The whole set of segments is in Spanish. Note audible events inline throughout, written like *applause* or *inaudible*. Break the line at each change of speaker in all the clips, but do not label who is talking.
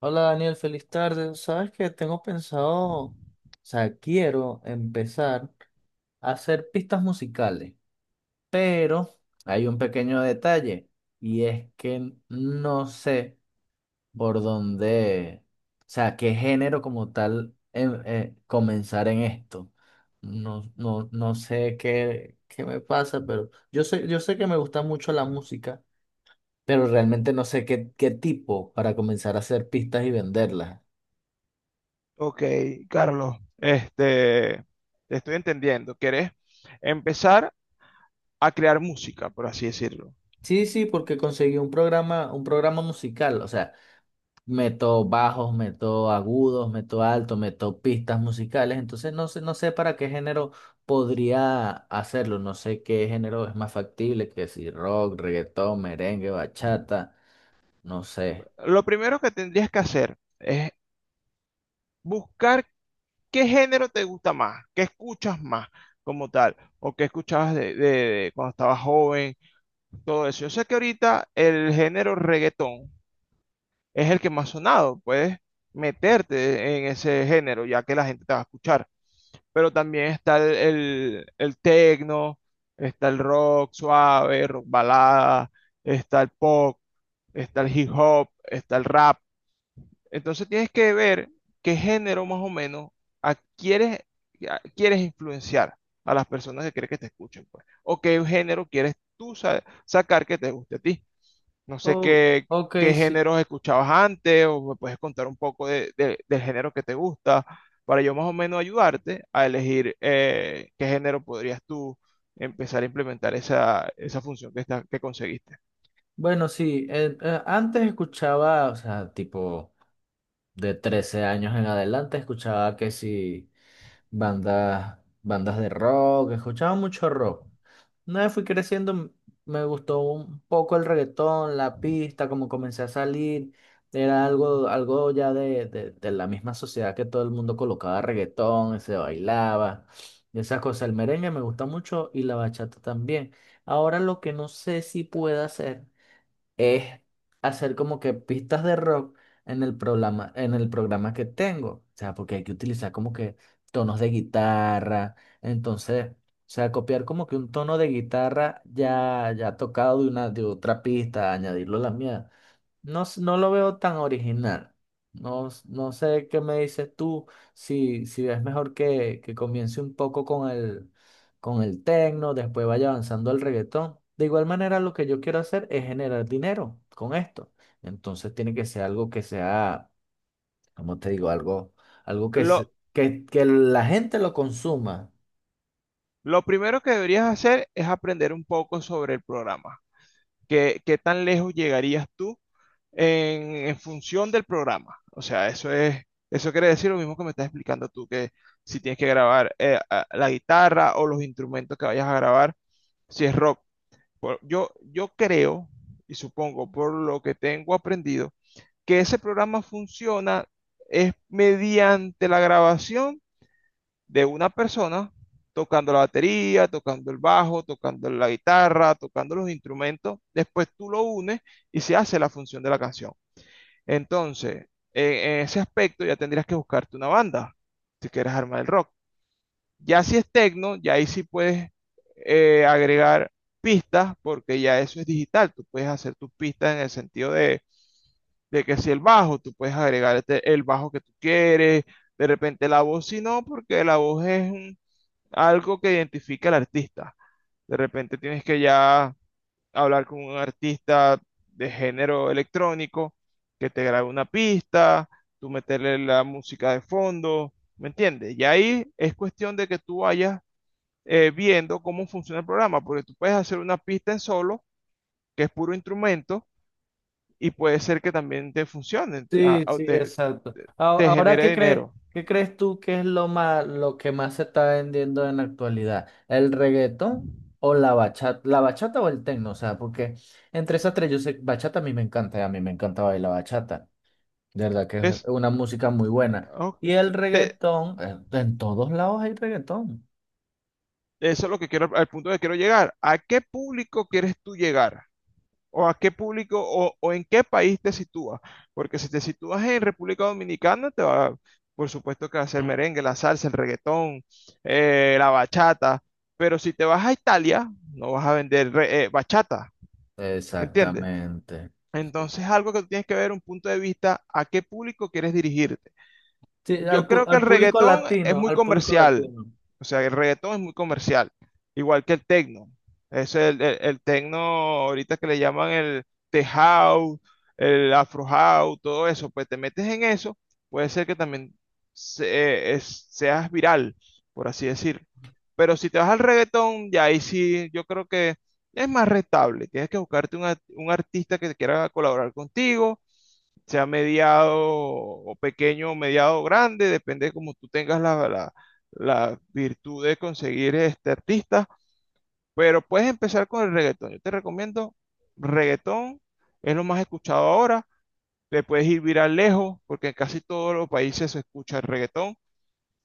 Hola Daniel, feliz tarde. Sabes que tengo pensado, o sea, quiero empezar a hacer pistas musicales, pero hay un pequeño detalle y es que no sé por dónde, o sea, qué género como tal comenzar en esto. No, no, no sé qué me pasa, pero yo sé que me gusta mucho la música, pero realmente no sé qué tipo para comenzar a hacer pistas y venderlas.
Ok, Carlos, te estoy entendiendo. ¿Querés empezar a crear música, por así decirlo?
Sí, sí, porque conseguí un programa musical, o sea, meto bajos, meto agudos, meto altos, meto pistas musicales, entonces no sé para qué género podría hacerlo, no sé qué género es más factible, que si rock, reggaetón, merengue, bachata, no sé.
Lo primero que tendrías que hacer es buscar qué género te gusta más, qué escuchas más como tal, o qué escuchabas de cuando estabas joven, todo eso. Yo sé que ahorita el género reggaetón es el que más sonado. Puedes meterte en ese género, ya que la gente te va a escuchar. Pero también está el techno, está el rock suave, rock balada, está el pop, está el hip hop, está el rap. Entonces tienes que ver qué género más o menos adquieres, quieres influenciar a las personas que quieres que te escuchen, pues. O qué género quieres tú sacar que te guste a ti. No sé
Oh,
qué,
ok,
qué
sí.
géneros escuchabas antes, o me puedes contar un poco del género que te gusta para yo más o menos ayudarte a elegir qué género podrías tú empezar a implementar esa, esa función que conseguiste.
Bueno, sí, antes escuchaba, o sea, tipo de 13 años en adelante escuchaba que si bandas de rock, escuchaba mucho rock. Una vez fui creciendo, me gustó un poco el reggaetón, la pista, como comencé a salir. Era algo ya de la misma sociedad que todo el mundo colocaba reggaetón, se bailaba, y esas cosas. El merengue me gusta mucho y la bachata también. Ahora lo que no sé si pueda hacer es hacer como que pistas de rock en el programa que tengo. O sea, porque hay que utilizar como que tonos de guitarra. Entonces, o sea, copiar como que un tono de guitarra ya tocado de de otra pista, añadirlo a la mía. No lo veo tan original. No sé qué me dices tú, si es mejor que comience un poco con con el tecno, después vaya avanzando al reggaetón. De igual manera, lo que yo quiero hacer es generar dinero con esto. Entonces tiene que ser algo que sea, como te digo? Algo, algo
Lo,
que la gente lo consuma.
lo primero que deberías hacer es aprender un poco sobre el programa. Qué tan lejos llegarías tú en función del programa? O sea, eso quiere decir lo mismo que me estás explicando tú, que si tienes que grabar la guitarra o los instrumentos que vayas a grabar, si es rock. Yo creo, y supongo por lo que tengo aprendido, que ese programa funciona es mediante la grabación de una persona tocando la batería, tocando el bajo, tocando la guitarra, tocando los instrumentos. Después tú lo unes y se hace la función de la canción. Entonces, en ese aspecto ya tendrías que buscarte una banda si quieres armar el rock. Ya si es techno, ya ahí sí puedes agregar pistas, porque ya eso es digital. Tú puedes hacer tus pistas en el sentido de que si el bajo, tú puedes agregar el bajo que tú quieres, de repente la voz, si no, porque la voz es algo que identifica al artista. De repente tienes que ya hablar con un artista de género electrónico que te grabe una pista, tú meterle la música de fondo, ¿me entiendes? Y ahí es cuestión de que tú vayas viendo cómo funciona el programa, porque tú puedes hacer una pista en solo, que es puro instrumento, y puede ser que también te funcione,
Sí, sí, exacto.
te- te
Ahora,
genere dinero.
qué crees tú que es lo más, lo que más se está vendiendo en la actualidad? ¿El reggaetón o la bachata? ¿La bachata o el tecno? O sea, porque entre esas tres, yo sé, bachata a mí me encanta, a mí me encanta bailar bachata. De verdad que es
Es,
una música muy buena.
ok,
Y el
te-
reggaetón, en todos lados hay reggaetón.
eso es lo que quiero, al punto que quiero llegar. ¿A qué público quieres tú llegar? ¿O a qué público, o en qué país te sitúas? Porque si te sitúas en República Dominicana, por supuesto que va a ser merengue, la salsa, el reggaetón, la bachata. Pero si te vas a Italia, no vas a vender bachata, ¿me entiendes?
Exactamente.
Entonces, algo que tú tienes que ver un punto de vista a qué público quieres dirigir.
Sí,
Yo creo que
al
el
público
reggaetón es
latino,
muy
al público
comercial.
latino.
O sea, el reggaetón es muy comercial. Igual que el tecno. Es el tecno ahorita que le llaman el tech house, el afro house, todo eso. Pues te metes en eso, puede ser que también seas viral, por así decirlo. Pero si te vas al reggaetón, ya ahí sí, yo creo que es más rentable. Tienes que buscarte un artista que quiera colaborar contigo, sea mediado o pequeño o mediado grande, depende de cómo tú tengas la virtud de conseguir este artista, pero puedes empezar con el reggaetón. Yo te recomiendo reggaetón, es lo más escuchado ahora, le puedes ir viral lejos, porque en casi todos los países se escucha el reggaetón.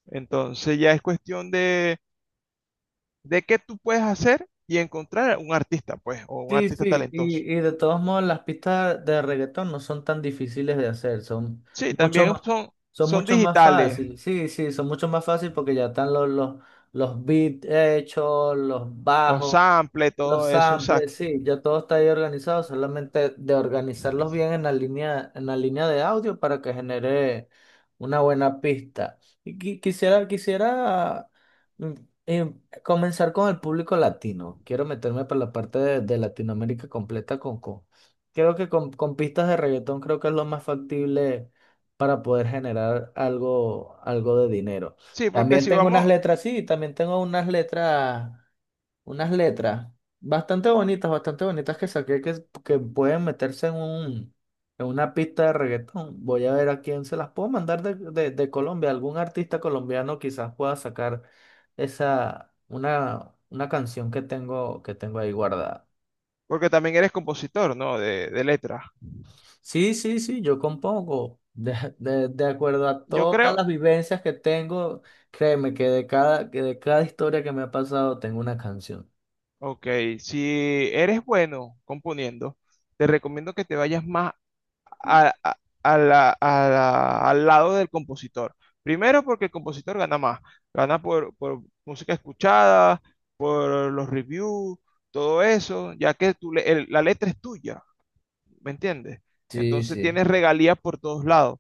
Entonces ya es cuestión de qué tú puedes hacer y encontrar un artista, pues, o un
Sí,
artista
sí,
talentoso.
y de todos modos las pistas de reggaetón no son tan difíciles de hacer,
Sí, también son,
son
son
mucho más
digitales,
fáciles, sí, sí, son mucho más fáciles porque ya están los beats hechos, los
los
bajos.
samples,
Los
todo eso,
samples,
exacto.
sí, ya todo está ahí organizado, solamente de organizarlos bien en la línea de audio para que genere una buena pista. Y quisiera mm, eh, comenzar con el público latino. Quiero meterme por la parte de Latinoamérica completa creo que con pistas de reggaetón creo que es lo más factible para poder generar algo, algo de dinero.
Sí, porque
También
si
tengo unas
vamos,
letras, sí, también tengo unas letras bastante bonitas que saqué que pueden meterse en en una pista de reggaetón. Voy a ver a quién se las puedo mandar de Colombia. Algún artista colombiano quizás pueda sacar una canción que tengo ahí guardada.
porque también eres compositor, ¿no? De letras.
Sí, sí, sí, yo compongo. De acuerdo a
Yo
todas las
creo,
vivencias que tengo, créeme que que de cada historia que me ha pasado tengo una canción.
ok, si eres bueno componiendo, te recomiendo que te vayas más a- a- a al lado del compositor. Primero porque el compositor gana más, gana por música escuchada, por los reviews, todo eso, ya que tú la letra es tuya, ¿me entiendes?
Sí,
Entonces
sí.
tienes regalías por todos lados.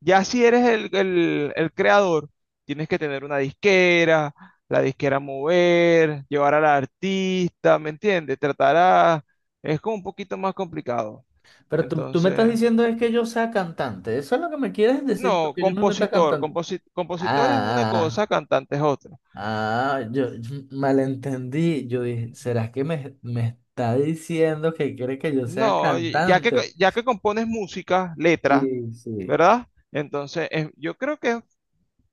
Ya si eres el creador, tienes que tener una disquera, la disquera mover, llevar al artista, ¿me entiendes? Tratar a... Es como un poquito más complicado.
Pero tú me estás
Entonces,
diciendo es que yo sea cantante. ¿Eso es lo que me quieres decir? Tú,
no,
que yo me meta
compositor,
cantante.
compositor es una
Ah,
cosa, cantante es otra.
ah, ah, yo malentendí. Yo dije, ¿será que me está diciendo que quiere que yo sea
No, ya que,
cantante?
ya que compones música, letra,
Sí, sí.
¿verdad? Entonces, es- yo creo que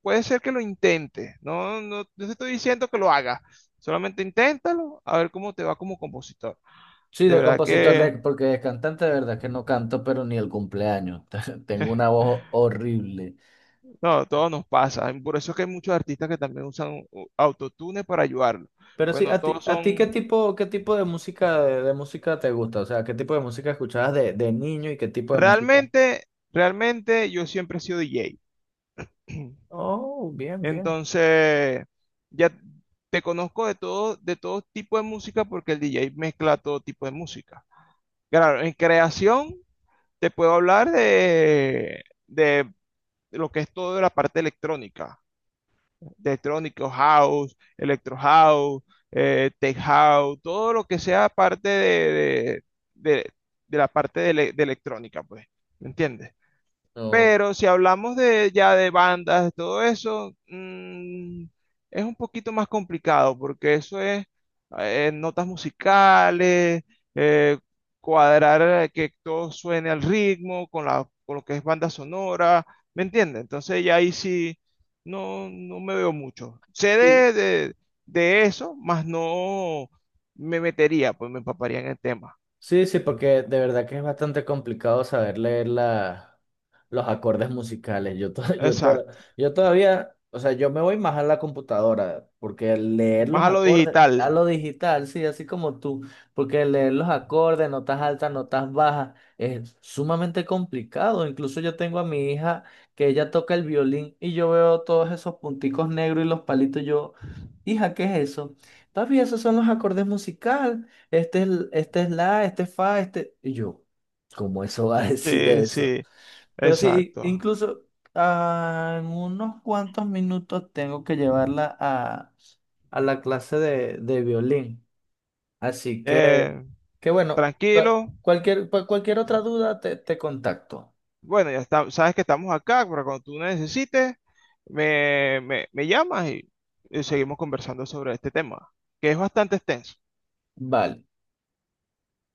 puede ser que lo intente, no, no, no te estoy diciendo que lo hagas, solamente inténtalo, a ver cómo te va como compositor.
Sí,
De
de
verdad
compositor, de,
que,
porque de cantante de verdad que no canto, pero ni el cumpleaños. *laughs* Tengo una voz horrible.
no, todo nos pasa. Por eso es que hay muchos artistas que también usan autotune para ayudarlo,
Pero
porque
sí,
no todos
a ti
son...
qué tipo de música te gusta? O sea, ¿qué tipo de música escuchabas de niño y qué tipo de música?
Realmente, realmente yo siempre he sido DJ, *clears throat*
Oh, bien, bien.
entonces ya te conozco de todo tipo de música porque el DJ mezcla todo tipo de música. Claro, en creación te puedo hablar de de lo que es toda la parte electrónica, de electrónico house, electro house, tech house, todo lo que sea parte de- de la parte de, de electrónica, pues, ¿me entiendes?
No.
Pero si hablamos de ya de bandas, de todo eso, es un poquito más complicado porque eso es notas musicales, eh, cuadrar que todo suene al ritmo con la, con lo que es banda sonora, ¿me entiendes? Entonces ya ahí sí no, no me veo mucho. Sé
Sí,
de eso, más no me metería, pues me empaparía en el tema.
sí, sí, porque de verdad que es bastante complicado saber leer la los acordes musicales. Yo, to- *laughs* yo, to-
Exacto.
yo todavía, o sea, yo me voy más a la computadora, porque el leer
Más
los
a lo
acordes, a
digital.
lo digital, sí, así como tú, porque el leer los acordes, notas altas, notas bajas, es sumamente complicado. Incluso yo tengo a mi hija que ella toca el violín y yo veo todos esos punticos negros y los palitos, y yo, hija, ¿qué es eso? Papi, esos son los acordes musicales. Este es fa, este. Y yo, ¿cómo eso va a *laughs* decir
Sí,
eso?
sí,
Pero sí,
exacto.
incluso ah, en unos cuantos minutos tengo que llevarla a la clase de violín. Así
Eh,
que bueno,
tranquilo.
cualquier, pues, cualquier otra duda te, te contacto.
Bueno, ya está, sabes que estamos acá, pero cuando tú necesites, me llamas y seguimos conversando sobre este tema, que es bastante extenso.
Vale.